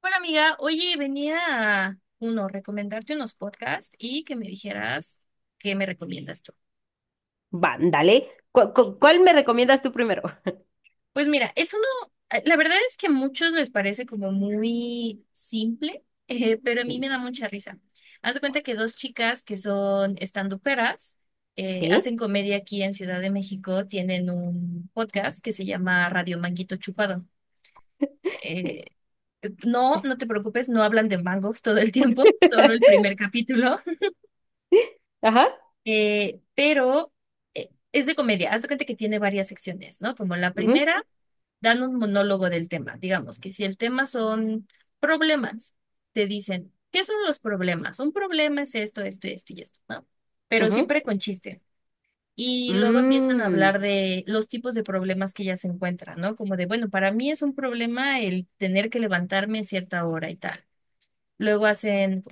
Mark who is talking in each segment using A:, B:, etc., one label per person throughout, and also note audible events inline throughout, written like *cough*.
A: Hola amiga, oye, venía uno, recomendarte unos podcasts y que me dijeras qué me recomiendas tú.
B: Va, dale. ¿Cuál me recomiendas tú primero?
A: Pues mira, es uno, la verdad es que a muchos les parece como muy simple, *laughs* pero a mí
B: Y-
A: me da mucha risa. Haz de cuenta que dos chicas que son standuperas,
B: ¿Sí?
A: hacen comedia aquí en Ciudad de México, tienen un podcast que se llama Radio Manguito Chupado. Eh, no, no te preocupes, no hablan de mangos *laughs* todo el tiempo, solo el
B: *laughs*
A: primer capítulo.
B: Ajá.
A: Pero es de comedia. Haz de cuenta que tiene varias secciones, ¿no? Como la
B: Ujú.
A: primera, dan un monólogo del tema. Digamos que si el tema son problemas, te dicen, ¿qué son los problemas? Un problema es esto, esto, esto y esto, ¿no? Pero
B: Ujú.
A: siempre con chiste. Y luego empiezan a
B: Mm.
A: hablar de los tipos de problemas que ya se encuentran, ¿no? Como de, bueno, para mí es un problema el tener que levantarme a cierta hora y tal. Luego hacen,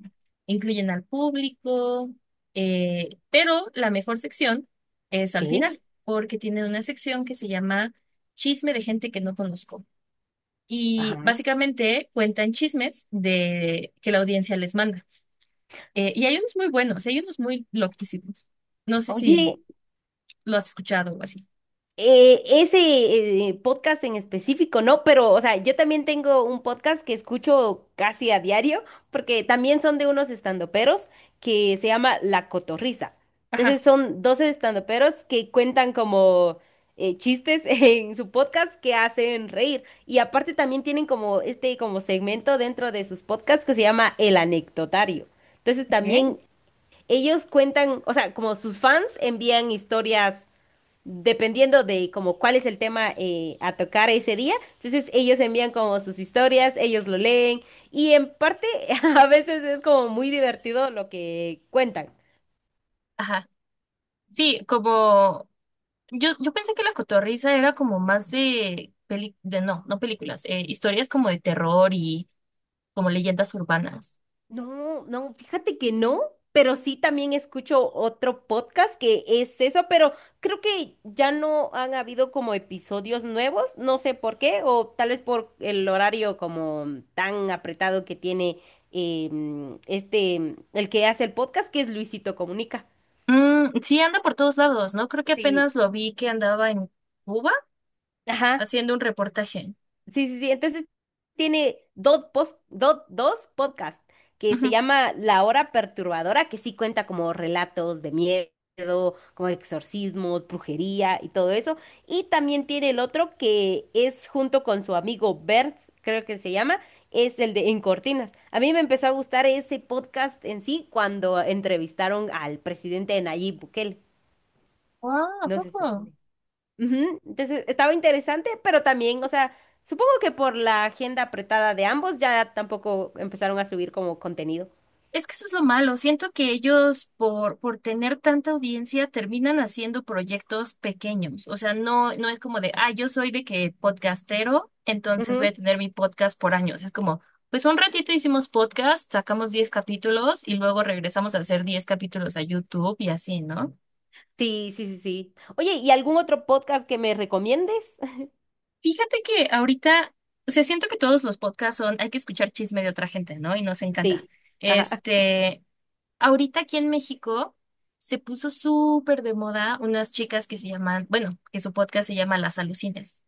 A: incluyen al público, pero la mejor sección es al
B: Sí.
A: final, porque tienen una sección que se llama Chisme de gente que no conozco. Y
B: Ajá.
A: básicamente cuentan chismes de que la audiencia les manda. Y hay unos muy buenos, hay unos muy loquísimos. No sé si
B: Oye,
A: lo has escuchado o así.
B: ese podcast en específico, ¿no? Pero, o sea, yo también tengo un podcast que escucho casi a diario, porque también son de unos estandoperos que se llama La Cotorrisa. Entonces
A: Ajá.
B: son 12 estandoperos que cuentan como chistes *laughs* en su podcast que hacen reír. Y aparte también tienen como este como segmento dentro de sus podcasts que se llama El Anecdotario. Entonces
A: Ok.
B: también ellos cuentan, o sea, como sus fans envían historias dependiendo de como cuál es el tema a tocar ese día. Entonces ellos envían como sus historias, ellos lo leen y en parte *laughs* a veces es como muy divertido lo que cuentan.
A: Sí, como yo pensé que La Cotorrisa era como más de, de no, no películas, historias como de terror y como leyendas urbanas.
B: No, no, fíjate que no, pero sí también escucho otro podcast que es eso, pero creo que ya no han habido como episodios nuevos, no sé por qué, o tal vez por el horario como tan apretado que tiene este, el que hace el podcast, que es Luisito Comunica.
A: Mm, sí, anda por todos lados, ¿no? Creo que
B: Sí,
A: apenas lo vi que andaba en Cuba
B: ajá,
A: haciendo un reportaje.
B: sí, sí, sí. Entonces tiene dos, dos podcasts que se
A: Ujú.
B: llama La Hora Perturbadora, que sí cuenta como relatos de miedo, como exorcismos, brujería y todo eso. Y también tiene el otro que es junto con su amigo Bert, creo que se llama, es el de En Cortinas. A mí me empezó a gustar ese podcast en sí cuando entrevistaron al presidente Nayib Bukele.
A: Ah, ¿a
B: No sé si...
A: poco?
B: Ujú. Entonces estaba interesante, pero también, o sea, supongo que por la agenda apretada de ambos ya tampoco empezaron a subir como contenido.
A: Es que eso es lo malo. Siento que ellos, por tener tanta audiencia, terminan haciendo proyectos pequeños. O sea, no, no es como de, ah, yo soy de que podcastero, entonces voy
B: Ujú.
A: a tener mi podcast por años. Es como, pues un ratito hicimos podcast, sacamos 10 capítulos y luego regresamos a hacer 10 capítulos a YouTube y así, ¿no?
B: Sí, sí, sí, sí. Oye, ¿y algún otro podcast que me recomiendes? *laughs*
A: Fíjate que ahorita, o sea, siento que todos los podcasts son, hay que escuchar chisme de otra gente, ¿no? Y nos encanta.
B: Sí. Ajá.
A: Este. Ahorita aquí en México se puso súper de moda unas chicas que se llaman, bueno, que su podcast se llama Las Alucines.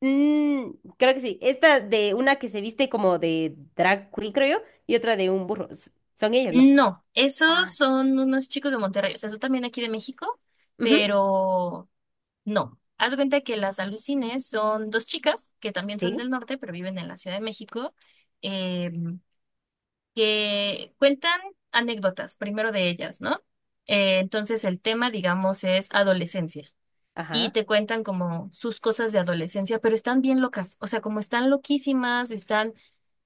B: Mm, creo que sí. Esta de una que se viste como de drag queen, creo yo, y otra de un burro. Son ellas, ¿no?
A: No, esos
B: Ah.
A: son unos chicos de Monterrey, o sea, son también aquí de México,
B: Ujú.
A: pero no. Haz de cuenta que Las Alucines son dos chicas que también son
B: Sí.
A: del norte, pero viven en la Ciudad de México, eh, que cuentan anécdotas, primero de ellas, ¿no? Entonces el tema, digamos, es adolescencia. Y
B: Ajá.
A: te cuentan como sus cosas de adolescencia, pero están bien locas, o sea, como están loquísimas, están,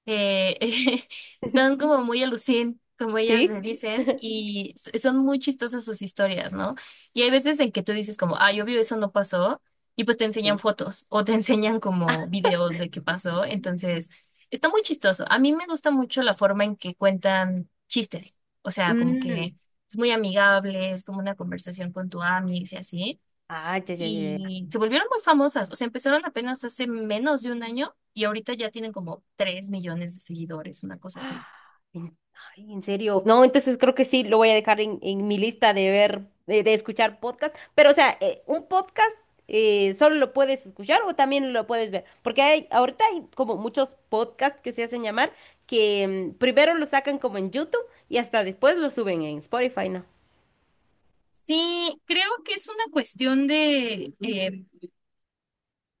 A: eh, *laughs* están como muy alucin, como ellas se
B: Sí.
A: dicen, y son muy chistosas sus historias, ¿no? Y hay veces en que tú dices como, ah, yo obvio eso no pasó, y pues te enseñan
B: Sí.
A: fotos o te *laughs* enseñan como videos de qué pasó, entonces está muy chistoso. A mí me gusta mucho la forma en que cuentan chistes, o sea, como
B: Mm.
A: que... Es muy amigable, es como una conversación con tu amiga y así,
B: Ah, ya, ya, ya.
A: y se volvieron muy famosas. O sea, empezaron apenas hace menos de un año y ahorita ya tienen como 3 millones de seguidores, una cosa así.
B: Ah, en, ay, en serio. No, entonces creo que sí, lo voy a dejar en mi lista de ver, de escuchar podcast. Pero, o sea, un podcast solo lo puedes escuchar o también lo puedes ver. Porque hay, ahorita hay como muchos podcasts que se hacen llamar que mm, primero lo sacan como en YouTube y hasta después lo suben en Spotify, ¿no?
A: Sí, creo que es una cuestión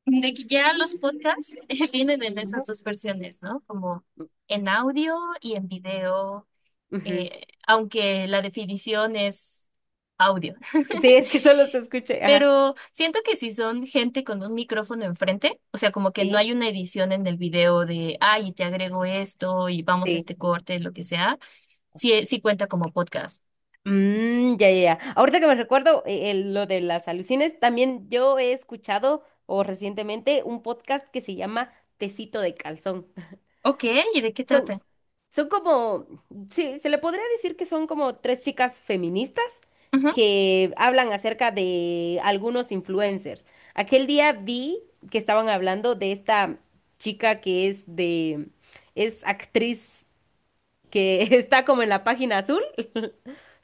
A: de que ya los podcasts *laughs* vienen en esas
B: Ujú.
A: dos versiones, ¿no? Como en audio y en video,
B: Ujú.
A: aunque la definición es audio.
B: Sí, es
A: *laughs*
B: que solo se escucha. Ajá.
A: Pero siento que si son gente con un micrófono enfrente, o sea, como que no
B: Sí,
A: hay una edición en el video de, ay, te agrego esto y vamos a
B: sí.
A: este corte, lo que sea, sí, sí cuenta como podcast.
B: Mm, ya, ya, ya. Ahorita que me recuerdo lo de las alucines, también yo he escuchado o recientemente un podcast que se llama Tecito de Calzón. *laughs*
A: Ok, ¿y de qué
B: Son,
A: trata?
B: son como, sí, se le podría decir que son como tres chicas feministas
A: Ujú.
B: que hablan acerca de algunos influencers. Aquel día vi que estaban hablando de esta chica que es de, es actriz que *laughs* está como en la página azul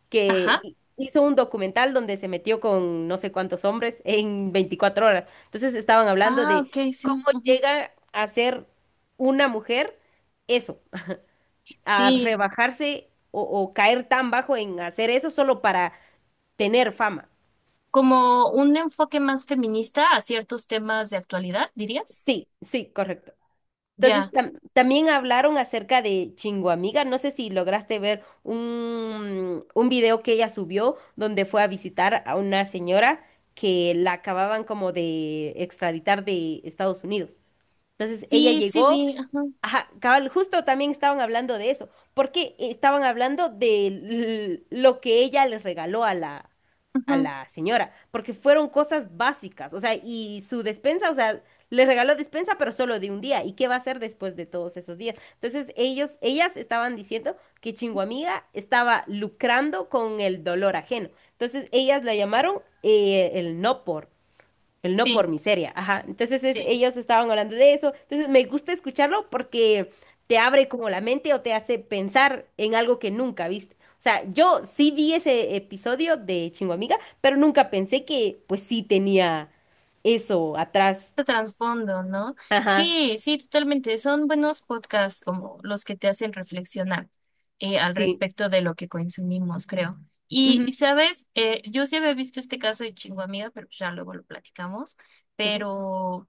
B: que
A: Ajá.
B: hizo un documental donde se metió con no sé cuántos hombres en 24 horas. Entonces estaban hablando
A: Ah,
B: de
A: ok,
B: cómo
A: sí. Ujú.
B: llega a ser una mujer eso, a
A: Sí,
B: rebajarse o caer tan bajo en hacer eso solo para tener fama.
A: como un enfoque más feminista a ciertos temas de actualidad, dirías.
B: Sí, sí, correcto. Entonces,
A: Ya.
B: también hablaron acerca de Chinguamiga. No sé si lograste ver un video que ella subió donde fue a visitar a una señora que la acababan como de extraditar de Estados Unidos. Entonces ella
A: Sí, sí,
B: llegó,
A: vi. Ajá,
B: ajá, cabal, justo también estaban hablando de eso, porque estaban hablando de lo que ella les regaló a
A: ujú.
B: la señora, porque fueron cosas básicas, o sea, y su despensa, o sea, le regaló despensa, pero solo de un día, ¿y qué va a hacer después de todos esos días? Entonces ellos, ellas estaban diciendo que Chinguamiga estaba lucrando con el dolor ajeno, entonces ellas la llamaron el no por. El no
A: Sí,
B: por miseria, ajá. Entonces
A: sí.
B: ellos estaban hablando de eso. Entonces me gusta escucharlo porque te abre como la mente o te hace pensar en algo que nunca viste. O sea, yo sí vi ese episodio de chingo amiga pero nunca pensé que pues sí tenía eso atrás.
A: De trasfondo, ¿no?
B: Ajá,
A: Sí, sí, totalmente. Son buenos podcasts como los que te hacen reflexionar al
B: sí.
A: respecto de lo que consumimos, creo.
B: Ujú.
A: Sabes, yo sí había visto este caso de Chinguamiga, pero pues ya luego lo platicamos.
B: Ujú.
A: Pero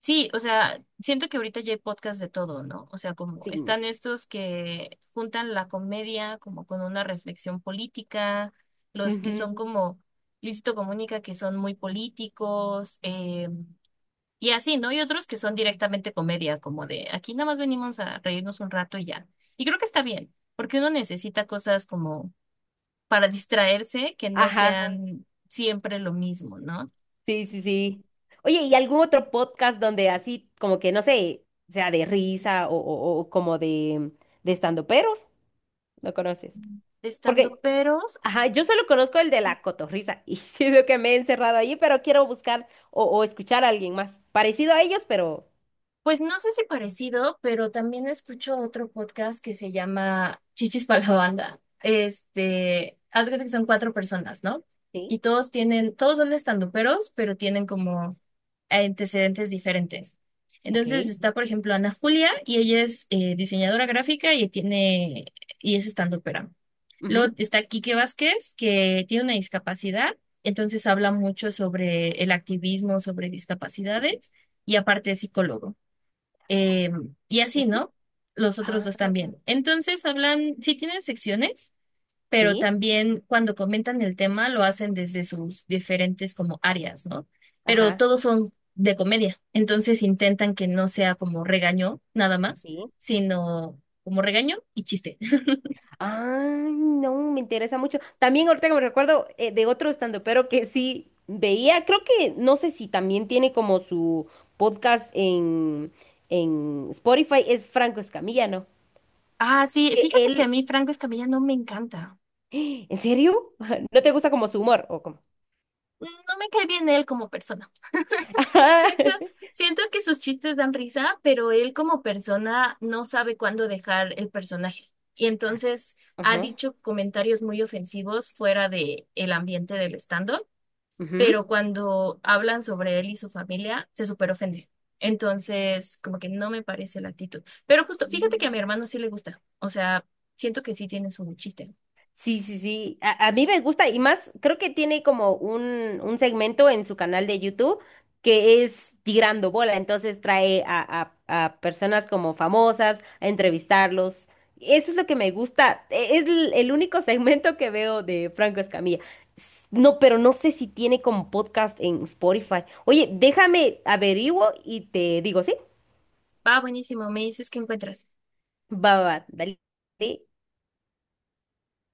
A: sí, o sea, siento que ahorita ya hay podcasts de todo, ¿no? O sea, como
B: Sí.
A: están estos que juntan la comedia como con una reflexión política, los que
B: Ujú.
A: son como Luisito Comunica, que son muy políticos. Y así, ¿no? Y otros que son directamente comedia, como de aquí nada más venimos a reírnos un rato y ya. Y creo que está bien, porque uno necesita cosas como para distraerse que no
B: Ajá,
A: sean siempre lo mismo, ¿no?
B: sí, sí, sí. Oye, ¿y algún otro podcast donde así como que, no sé, sea de risa o, o como de estandoperos? ¿No conoces?
A: De
B: Porque,
A: estandoperos,
B: ajá, yo solo conozco el de la cotorrisa y *laughs* siento que me he encerrado allí, pero quiero buscar o escuchar a alguien más. Parecido a ellos, pero...
A: pues no sé si parecido, pero también escucho otro podcast que se llama Chichis para la Banda. Este, haz de cuenta que son cuatro personas, ¿no?
B: Sí,
A: Y todos tienen, todos son estanduperos, pero tienen como antecedentes diferentes.
B: ok.
A: Entonces está, por ejemplo, Ana Julia y ella es diseñadora gráfica y tiene y es estandupera.
B: Ujú.
A: Luego está Quique Vázquez, que tiene una discapacidad, entonces habla mucho sobre el activismo, sobre discapacidades, y aparte es psicólogo. Eh, y así,
B: Ujú.
A: ¿no? Los otros
B: Ah,
A: dos también. Entonces hablan, sí tienen secciones, pero
B: sí,
A: también cuando comentan el tema lo hacen desde sus diferentes como áreas, ¿no? Pero
B: ajá,
A: todos son de comedia. Entonces intentan que no sea como regaño nada más,
B: sí.
A: sino como regaño y chiste. *laughs*
B: Ay, no, me interesa mucho. También ahorita que me recuerdo de otro pero que sí veía, creo que, no sé si también tiene como su podcast en Spotify, es Franco Escamilla, ¿no?
A: Ah, sí,
B: Que
A: fíjate que a
B: él,
A: mí Franco Escamilla no me encanta.
B: ¿en serio? *laughs* ¿No te gusta como su humor? ¿O cómo?
A: No me cae bien él como persona.
B: *laughs*
A: *laughs*
B: Ajá.
A: Siento, siento que sus chistes dan risa, pero él como persona no sabe cuándo dejar el personaje. Y entonces ha
B: Ajá.
A: dicho comentarios muy ofensivos fuera de el ambiente del stand-up, pero
B: Ujú.
A: cuando hablan sobre él y su familia, se súper ofende. Entonces, como que no me parece la actitud. Pero justo, fíjate que a
B: Mm.
A: mi hermano sí le gusta. O sea, siento que sí tiene su chiste.
B: Sí, sí, sí. A mí me gusta y más, creo que tiene como un segmento en su canal de YouTube que es Tirando Bola. Entonces trae a personas como famosas a entrevistarlos. Eso es lo que me gusta. Es el único *laughs* segmento que veo de Franco Escamilla. No, pero no sé si tiene como podcast en Spotify. Oye, déjame averiguo y te digo, ¿sí?
A: Va, buenísimo. Me dices qué encuentras.
B: Va, va, va, dale.